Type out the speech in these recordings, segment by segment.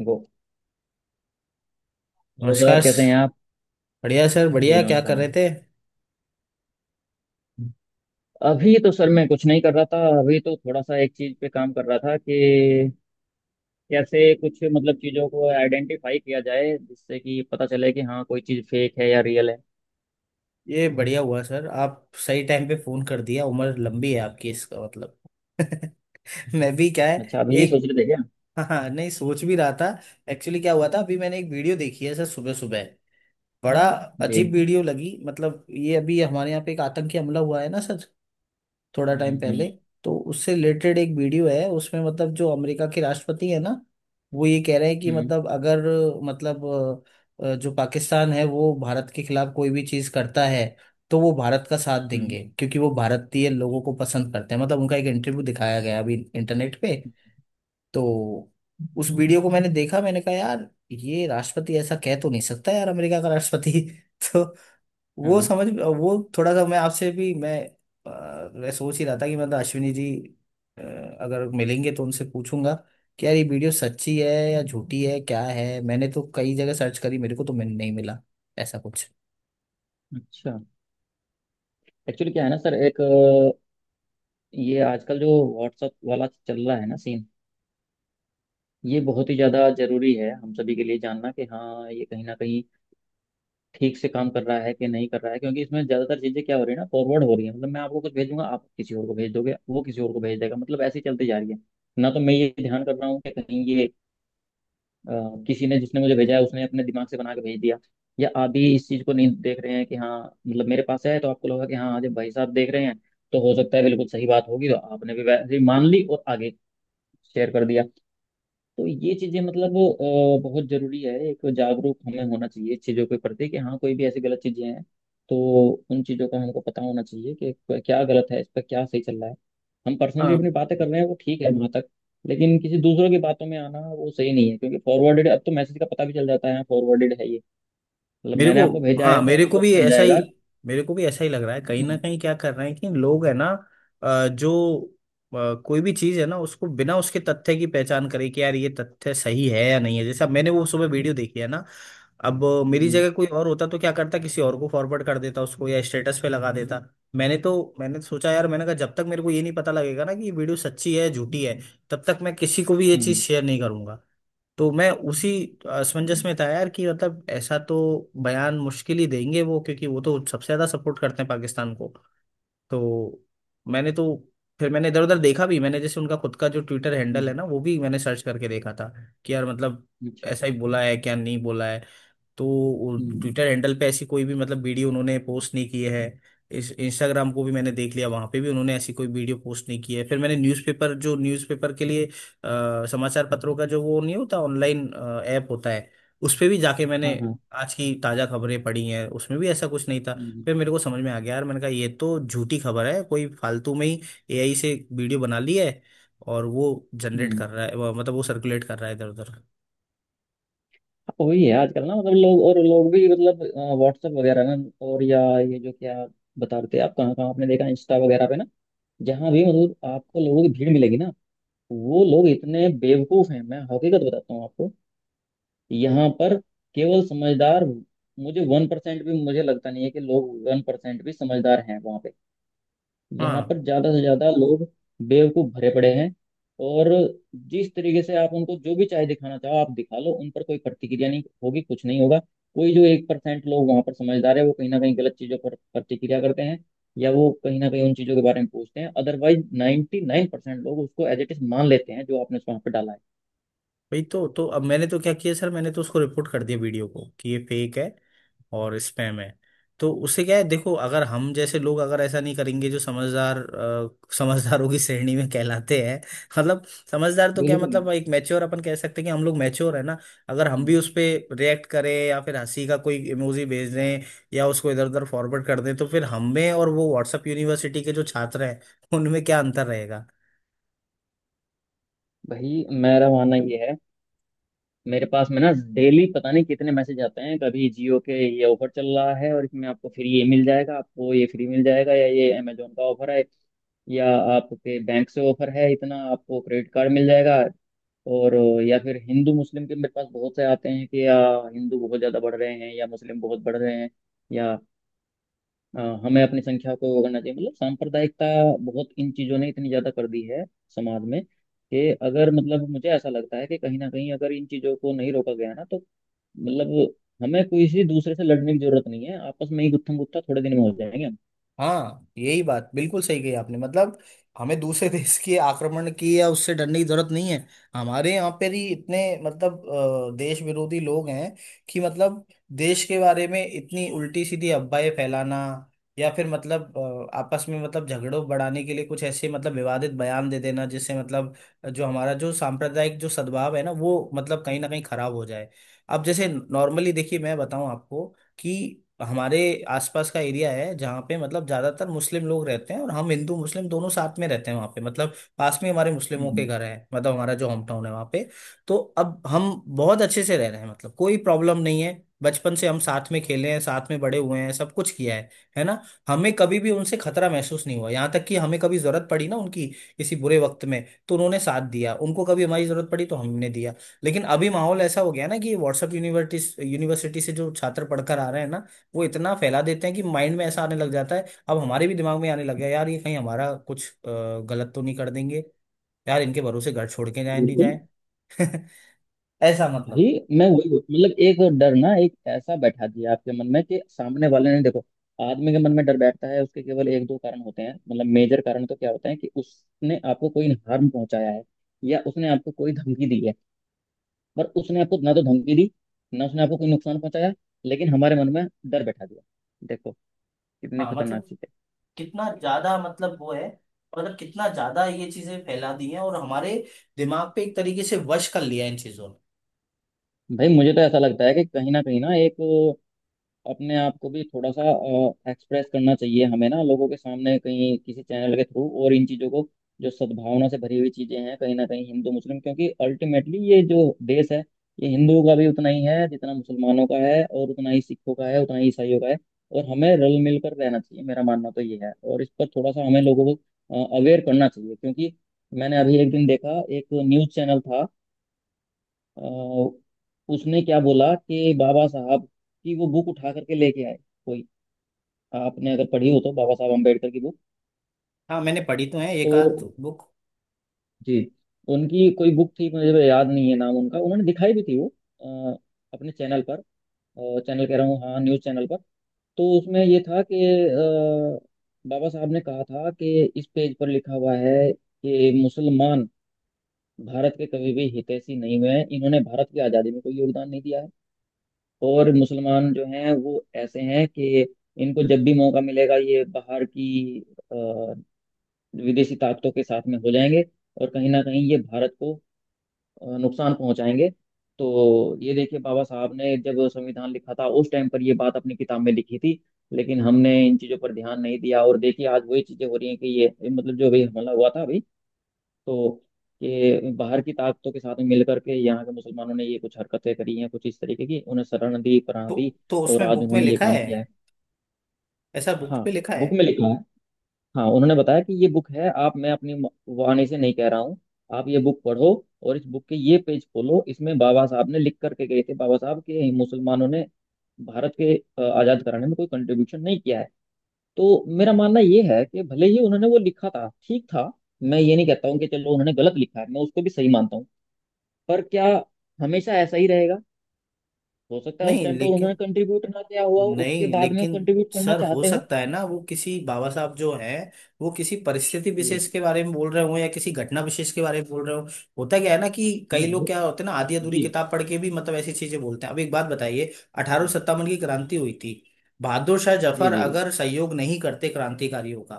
वो हेलो नमस्कार सर, कैसे हैं आप? बढ़िया सर। जी बढ़िया, क्या नमस्कार, कर रहे नमस्कार। थे। अभी तो सर मैं कुछ नहीं कर रहा था। अभी तो थोड़ा सा एक चीज पे काम कर रहा था कि कैसे कुछ मतलब चीजों को आइडेंटिफाई किया जाए, जिससे कि पता चले कि हाँ कोई चीज फेक है या रियल है। ये बढ़िया हुआ सर, आप सही टाइम पे फोन कर दिया, उम्र लंबी है आपकी इसका मतलब। मैं भी क्या है। अच्छा, अभी ये सोच एक, रहे थे क्या? हाँ हाँ, नहीं सोच भी रहा था। एक्चुअली क्या हुआ था, अभी मैंने एक वीडियो देखी है सर सुबह सुबह। बड़ा जी। अजीब वीडियो लगी। मतलब ये अभी हमारे यहाँ पे एक आतंकी हमला हुआ है ना सर, थोड़ा हम्म। टाइम पहले। हम्म। तो उससे रिलेटेड एक वीडियो है उसमें, मतलब जो अमेरिका के राष्ट्रपति है ना, वो ये कह रहे हैं कि हम्म। मतलब अगर, मतलब जो पाकिस्तान है वो भारत के खिलाफ कोई भी चीज करता है तो वो भारत का साथ हम्म। देंगे, क्योंकि वो भारतीय लोगों को पसंद करते हैं। मतलब उनका एक इंटरव्यू दिखाया गया अभी इंटरनेट पे। हम्म। तो उस वीडियो को मैंने देखा, मैंने कहा यार ये राष्ट्रपति ऐसा कह तो नहीं सकता यार, अमेरिका का राष्ट्रपति। तो वो हाँ, समझ, वो थोड़ा सा मैं आपसे भी मैं, मैं सोच ही रहा था कि मतलब अश्विनी जी अ, अगर मिलेंगे तो उनसे पूछूंगा कि यार ये वीडियो सच्ची है या झूठी है क्या है। मैंने तो कई जगह सर्च करी, मेरे को तो मिल नहीं मिला ऐसा अच्छा। एक्चुअली क्या है ना सर, एक ये आजकल जो व्हाट्सअप वाला चल रहा है ना सीन, ये बहुत ही ज्यादा जरूरी है हम सभी के लिए जानना कि हाँ ये कहीं ना कहीं ठीक से काम कर रहा है कि नहीं कर रहा है, क्योंकि इसमें ज्यादातर चीजें क्या हो रही है ना, फॉरवर्ड हो रही है। मतलब मैं आपको कुछ भेजूंगा, आप किसी और को भेज दोगे, वो किसी और को भेज देगा, मतलब ऐसे ही चलती जा रही है। ना तो मैं ये ध्यान कर रहा हूँ कि कहीं ये अ, किसी ने, जिसने मुझे भेजा है, उसने अपने दिमाग से बना के भेज दिया, या आप भी इस चीज को नहीं देख रहे हैं कि हाँ मतलब मेरे पास है तो आपको लगा कि हाँ जब भाई साहब देख रहे हैं तो हो सकता है बिल्कुल सही बात होगी, तो आपने भी वैसे ही मान ली और आगे शेयर कर दिया। तो ये चीजें मतलब बहुत जरूरी है, एक जागरूक हमें होना चाहिए इस चीजों के प्रति कि हाँ कोई भी ऐसी गलत चीजें हैं तो उन चीजों का हमको पता होना चाहिए कि क्या गलत है, इस पर क्या सही चल रहा है। हम पर्सनली कुछ। अपनी बातें कर रहे हैं वो ठीक है वहां तक, लेकिन किसी दूसरों की बातों में आना वो सही नहीं है, क्योंकि फॉरवर्डेड, अब तो मैसेज का पता भी चल जाता है फॉरवर्डेड है ये। मतलब मेरे मैंने को, आपको भेजा हाँ है तो मेरे आपको को भी पता चल ऐसा ही, जाएगा। मेरे को भी ऐसा ही लग रहा है कहीं हम्म। ना कहीं क्या कर रहे हैं कि लोग है ना, जो कोई भी चीज़ है ना, उसको बिना उसके तथ्य की पहचान करे कि यार ये तथ्य सही है या नहीं है। जैसे अब मैंने वो सुबह वीडियो देखी है ना, अब मेरी हम्म। जगह कोई और होता तो क्या करता, किसी और को फॉरवर्ड कर देता उसको या स्टेटस पे लगा देता। मैंने तो, मैंने सोचा यार, मैंने कहा जब तक मेरे को ये नहीं पता लगेगा ना कि ये वीडियो सच्ची है झूठी है, तब तक मैं किसी को भी ये चीज़ हम्म। शेयर नहीं करूंगा। तो मैं उसी असमंजस में था यार, कि मतलब ऐसा तो बयान मुश्किल ही देंगे वो, क्योंकि वो तो सबसे ज्यादा सपोर्ट करते हैं पाकिस्तान को। तो मैंने तो, फिर मैंने इधर उधर देखा भी, मैंने जैसे उनका खुद का जो ट्विटर हैंडल है हम्म। ना वो भी मैंने सर्च करके देखा था कि यार मतलब हम्म। अच्छा, ऐसा अच्छा। ही बोला है क्या नहीं बोला है। तो हम्म। ट्विटर हैंडल पे ऐसी कोई भी मतलब वीडियो उन्होंने पोस्ट नहीं की है। इस इंस्टाग्राम को भी मैंने देख लिया, वहां पे भी उन्होंने ऐसी कोई वीडियो पोस्ट नहीं की है। फिर मैंने न्यूज़पेपर, जो न्यूज़पेपर के लिए समाचार पत्रों का जो वो नहीं होता ऑनलाइन ऐप होता है, उस पे भी जाके मैंने हाँ, हाँ। आज की ताजा खबरें पढ़ी हैं, उसमें भी ऐसा कुछ नहीं था। हम्म। फिर मेरे को समझ में आ गया यार, मैंने कहा ये तो झूठी खबर है, कोई फालतू में ही एआई से वीडियो बना ली है और वो जनरेट हम्म। कर रहा है, मतलब वो सर्कुलेट कर रहा है इधर उधर। वही है आजकल ना, मतलब लोग, और लोग भी मतलब व्हाट्सएप वगैरह ना, और या ये जो क्या आप बता रहे थे, आप कहाँ कहाँ आपने देखा, इंस्टा वगैरह पे ना, जहाँ भी मतलब आपको लोगों की भीड़ मिलेगी ना, वो लोग इतने बेवकूफ हैं। मैं हकीकत बताता हूँ आपको। यहाँ पर केवल समझदार, मुझे 1% भी मुझे लगता नहीं है कि लोग 1% भी समझदार हैं वहाँ पे। यहाँ हाँ पर ज्यादा से ज्यादा लोग बेवकूफ भरे पड़े हैं, और जिस तरीके से आप उनको जो भी चाहे दिखाना चाहो आप दिखा लो, उन पर कोई प्रतिक्रिया नहीं होगी, कुछ नहीं होगा। कोई जो 1% लोग वहां पर समझदार है, वो कहीं ना कहीं गलत चीजों पर प्रतिक्रिया करते हैं, या वो कहीं ना कहीं उन चीजों के बारे में पूछते हैं, अदरवाइज 99% लोग उसको एज इट इज मान लेते हैं जो आपने वहां पर डाला है। भाई, तो अब मैंने तो क्या किया सर, मैंने तो उसको रिपोर्ट कर दिया वीडियो को कि ये फेक है और स्पैम है। तो उससे क्या है, देखो अगर हम जैसे लोग अगर ऐसा नहीं करेंगे, जो समझदार समझदारों की श्रेणी में कहलाते हैं, मतलब समझदार तो क्या, बिल्कुल। मतलब एक मैच्योर अपन कह सकते हैं कि हम लोग मैच्योर है ना। अगर हम भी उस पे रिएक्ट करें या फिर हंसी का कोई इमोजी भेज दें या उसको इधर उधर फॉरवर्ड कर दें, तो फिर हम में और वो व्हाट्सएप यूनिवर्सिटी के जो छात्र हैं उनमें क्या अंतर रहेगा। भाई मेरा मानना ये है, मेरे पास में ना डेली पता नहीं कितने मैसेज आते हैं, कभी जियो के ये ऑफर चल रहा है और इसमें आपको फ्री ये मिल जाएगा, आपको ये फ्री मिल जाएगा, या ये अमेजोन का ऑफर है, या आपके बैंक से ऑफर है, इतना आपको क्रेडिट कार्ड मिल जाएगा। और या फिर हिंदू मुस्लिम के मेरे पास बहुत से आते हैं कि या हिंदू बहुत ज़्यादा बढ़ रहे हैं या मुस्लिम बहुत बढ़ रहे हैं, या हमें अपनी संख्या को वो करना चाहिए, मतलब सांप्रदायिकता, बहुत इन चीजों ने इतनी ज्यादा कर दी है समाज में, कि अगर मतलब मुझे ऐसा लगता है कि कहीं ना कहीं अगर इन चीजों को नहीं रोका गया ना तो मतलब हमें किसी दूसरे से लड़ने की जरूरत नहीं है, आपस में ही गुत्थम गुत्था थोड़े दिन में हो जाएंगे हम। हाँ यही बात बिल्कुल सही कही आपने, मतलब हमें दूसरे देश के आक्रमण की या उससे डरने की जरूरत नहीं है। हमारे यहाँ पर ही इतने मतलब देश विरोधी लोग हैं कि मतलब देश के बारे में इतनी उल्टी सीधी अफवाहें फैलाना, या फिर मतलब आपस में मतलब झगड़ों बढ़ाने के लिए कुछ ऐसे मतलब विवादित बयान दे देना, जिससे मतलब जो हमारा जो सांप्रदायिक जो सद्भाव है ना वो मतलब कहीं ना कहीं खराब हो जाए। अब जैसे नॉर्मली देखिए मैं बताऊं आपको, कि हमारे आसपास का एरिया है जहाँ पे मतलब ज्यादातर मुस्लिम लोग रहते हैं और हम हिंदू मुस्लिम दोनों साथ में रहते हैं वहाँ पे, मतलब पास में हमारे मुस्लिमों के हम्म, घर है। मतलब हमारा जो होम टाउन है वहाँ पे, तो अब हम बहुत अच्छे से रह रहे हैं, मतलब कोई प्रॉब्लम नहीं है। बचपन से हम साथ में खेले हैं, साथ में बड़े हुए हैं, सब कुछ किया है ना। हमें कभी भी उनसे खतरा महसूस नहीं हुआ, यहाँ तक कि हमें कभी जरूरत पड़ी ना उनकी किसी बुरे वक्त में तो उन्होंने साथ दिया, उनको कभी हमारी जरूरत पड़ी तो हमने दिया। लेकिन अभी माहौल ऐसा हो गया ना कि व्हाट्सएप यूनिवर्सिटी यूनिवर्सिटी से जो छात्र पढ़कर आ रहे हैं ना, वो इतना फैला देते हैं कि माइंड में ऐसा आने लग जाता है, अब हमारे भी दिमाग में आने लग गया यार ये कहीं हमारा कुछ गलत तो नहीं कर देंगे, यार इनके भरोसे घर छोड़ के जाए नहीं बिल्कुल। जाए। ऐसा भाई मतलब, मतलब एक डर ना, एक ऐसा बैठा दिया आपके मन में कि सामने वाले ने, देखो आदमी के मन में डर बैठता है उसके केवल एक दो कारण होते हैं, मतलब मेजर कारण तो क्या होते हैं कि उसने आपको कोई हार्म पहुंचाया है या उसने आपको कोई धमकी दी है। पर उसने आपको ना तो धमकी दी, ना उसने आपको कोई नुकसान पहुंचाया, लेकिन हमारे मन में डर बैठा दिया। देखो कितनी हाँ खतरनाक मतलब चीज कितना ज्यादा मतलब वो है, मतलब कितना ज्यादा ये चीजें फैला दी हैं और हमारे दिमाग पे एक तरीके से वश कर लिया है इन चीजों ने। है। भाई मुझे तो ऐसा लगता है कि कहीं ना एक अपने आप को भी थोड़ा सा एक्सप्रेस करना चाहिए हमें ना, लोगों के सामने कहीं किसी चैनल के थ्रू, और इन चीज़ों को जो सद्भावना से भरी हुई चीज़ें हैं कहीं ना कहीं हिंदू मुस्लिम, क्योंकि अल्टीमेटली ये जो देश है, ये हिंदुओं का भी उतना ही है जितना मुसलमानों का है, और उतना ही सिखों का है, उतना ही ईसाइयों का है, और हमें रल मिल कर रहना चाहिए। मेरा मानना तो ये है, और इस पर थोड़ा सा हमें लोगों को अवेयर करना चाहिए, क्योंकि मैंने अभी एक दिन देखा, एक न्यूज़ चैनल था, अ, उसने क्या बोला कि बाबा साहब की वो बुक उठा करके लेके आए कोई, आपने अगर पढ़ी हो तो बाबा साहब अम्बेडकर की बुक। हाँ मैंने पढ़ी तो है एक आध तो बुक। जी, उनकी कोई बुक थी, मुझे तो याद नहीं है नाम उनका, उन्होंने दिखाई भी थी वो अ, अपने चैनल पर, चैनल कह रहा हूँ, हाँ न्यूज़ चैनल पर। तो उसमें ये था कि बाबा साहब ने कहा था कि इस पेज पर लिखा हुआ है कि मुसलमान भारत के कभी भी हितैषी नहीं हुए हैं, इन्होंने भारत की आज़ादी में कोई योगदान नहीं दिया है, और मुसलमान जो हैं वो ऐसे हैं कि इनको जब भी मौका मिलेगा ये बाहर की अ, विदेशी ताकतों के साथ में हो जाएंगे, और कहीं ना कहीं ये भारत को नुकसान पहुंचाएंगे। तो ये देखिए बाबा साहब ने जब संविधान लिखा था उस टाइम पर ये बात अपनी किताब में लिखी थी, लेकिन हमने इन चीज़ों पर ध्यान नहीं दिया, और देखिए आज वही चीज़ें हो रही हैं कि ये मतलब जो अभी हमला हुआ था अभी, तो ये बाहर की ताकतों के साथ मिल करके यहाँ के मुसलमानों ने ये कुछ हरकतें करी हैं, कुछ इस तरीके की, उन्हें शरण दी, पनाह तो दी, तो और उसमें आज बुक में उन्होंने ये लिखा काम है, किया है। ऐसा बुक हाँ, पे लिखा है। बुक में लिखा है। हाँ, उन्होंने बताया कि ये बुक है, आप, मैं अपनी वाणी से नहीं कह रहा हूँ, आप ये बुक पढ़ो, और इस बुक के ये पेज खोलो, इसमें बाबा साहब ने लिख करके गए थे, बाबा साहब के, मुसलमानों ने भारत के आजाद कराने में कोई कंट्रीब्यूशन नहीं किया है। तो मेरा मानना ये है कि भले ही उन्होंने वो लिखा था ठीक था, मैं ये नहीं कहता हूँ कि चलो उन्होंने गलत लिखा है, मैं उसको भी सही मानता हूँ, पर क्या हमेशा ऐसा ही रहेगा? हो सकता है उस नहीं टाइम पर उन्होंने लेकिन, कंट्रीब्यूट ना किया हुआ हो, उसके नहीं बाद में लेकिन कंट्रीब्यूट करना सर हो चाहते हो। सकता है ना वो किसी बाबा साहब जो हैं वो किसी परिस्थिति जी। विशेष के बारे में बोल रहे हो या किसी घटना विशेष के बारे में बोल रहे हो। होता क्या है ना कि मैं कई लोग वो- क्या होते हैं ना, आधी अधूरी जी, किताब पढ़ के भी मतलब ऐसी चीजें बोलते हैं। अब एक बात बताइए, अठारह सत्तावन की क्रांति हुई थी, बहादुर शाह जी, जफर जी। जी, अगर सहयोग नहीं करते क्रांतिकारियों का,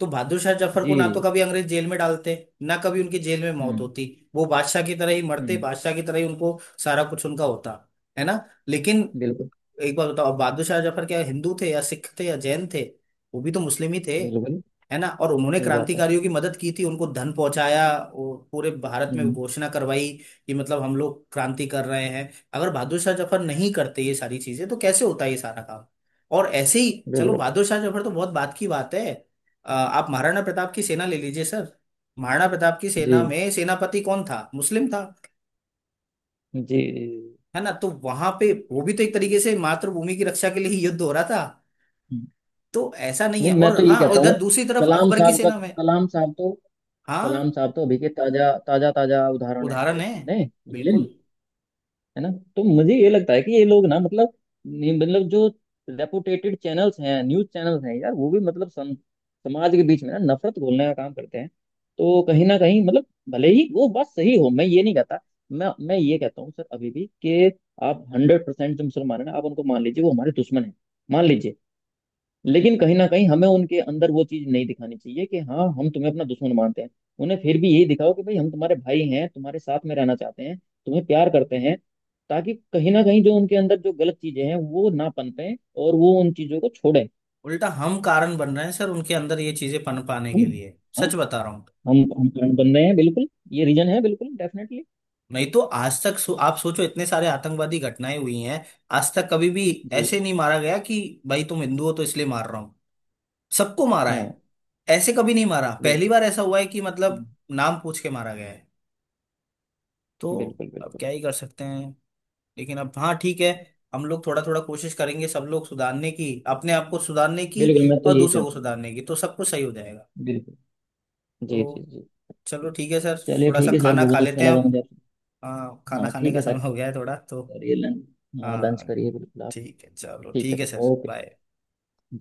तो बहादुर शाह जफर को ना तो जी। कभी अंग्रेज जेल में डालते, ना कभी उनकी जेल में मौत हम्म। होती। वो बादशाह की तरह ही मरते, हम्म। बादशाह की तरह ही उनको सारा कुछ उनका होता, है ना। लेकिन बिल्कुल। एक बार बताओ बहादुर शाह जफर क्या हिंदू थे या सिख थे या जैन थे, वो भी तो मुस्लिम ही थे, बिल्कुल। है ना। और उन्होंने सही बात है। क्रांतिकारियों की मदद की थी, उनको धन पहुंचाया और पूरे भारत में हम्म। घोषणा करवाई कि मतलब हम लोग क्रांति कर रहे हैं। अगर बहादुर शाह जफर नहीं करते ये सारी चीजें, तो कैसे होता ये सारा काम। और ऐसे ही, चलो बिल्कुल। बहादुर शाह जफर तो बहुत बात की बात है, आप महाराणा प्रताप की सेना ले लीजिए सर। महाराणा प्रताप की सेना जी, में सेनापति कौन था, मुस्लिम था, जी, जी। है ना। तो वहां पे वो भी तो एक तरीके से मातृभूमि की रक्षा के लिए ही युद्ध हो रहा था। हम्म। तो ऐसा नहीं है। नहीं मैं और तो ये हाँ, और कहता हूँ, इधर दूसरी तरफ कलाम अकबर की साहब का सेना तो, में। कलाम साहब तो, हाँ कलाम साहब तो अभी के ताजा ताजा ताजा उदाहरण है उदाहरण हमारे है, सामने, मुस्लिम। बिल्कुल। है ना? तो मुझे ये लगता है कि ये लोग ना मतलब, ये मतलब जो रेपुटेटेड चैनल्स हैं, न्यूज चैनल्स हैं यार, वो भी मतलब समाज के बीच में ना नफरत घोलने का काम करते हैं। तो कहीं ना कहीं मतलब, भले ही वो बात सही हो, मैं ये नहीं कहता। मैं ये कहता हूँ सर अभी भी कि आप 100% जो मुसलमान है ना, आप उनको मान लीजिए वो हमारे दुश्मन है, मान लीजिए, लेकिन कहीं ना कहीं हमें उनके अंदर वो चीज नहीं दिखानी चाहिए कि हाँ हम तुम्हें अपना दुश्मन मानते हैं। उन्हें फिर भी यही दिखाओ कि भाई हम तुम्हारे भाई हैं, तुम्हारे साथ में रहना चाहते हैं, तुम्हें प्यार करते हैं, ताकि कहीं ना कहीं जो उनके अंदर जो गलत चीजें हैं वो ना पनपें और वो उन चीजों को छोड़ें। उल्टा हम कारण बन रहे हैं सर उनके अंदर ये चीजें पन पाने हम के लिए, हाँ। सच बता रहा हूँ। हम फ्रेंड बन रहे हैं, बिल्कुल। ये रीजन है, बिल्कुल, डेफिनेटली। नहीं तो आज तक आप सोचो इतने सारे आतंकवादी घटनाएं हुई हैं, आज तक कभी भी जी, ऐसे नहीं मारा गया कि भाई तुम हिंदू हो तो इसलिए मार रहा हूँ, सबको मारा है। हाँ, ऐसे कभी नहीं मारा, पहली बिल्कुल। बार ऐसा हुआ है कि मतलब नाम पूछ के मारा गया है। तो बिल्कुल। अब बिल्कुल। क्या ही कर सकते हैं। लेकिन अब हाँ ठीक है, हम लोग थोड़ा थोड़ा कोशिश करेंगे, सब लोग सुधारने की, अपने आप को सुधारने की बिल्कुल मैं तो और यही दूसरों को चाहता हूँ। सुधारने की, तो सब कुछ सही हो जाएगा। बिल्कुल। जी, जी, तो जी। चलो ठीक है सर, चलिए थोड़ा सा ठीक है सर, खाना खा बहुत अच्छा लेते हैं लगा अब। मुझे आपसे। हाँ खाना हाँ खाने ठीक का है समय सर। हो गया है थोड़ा तो। करिए लंच। हाँ, लंच हाँ करिए बिल्कुल आप। ठीक है, चलो ठीक है ठीक है सर, सर, ओके। बाय।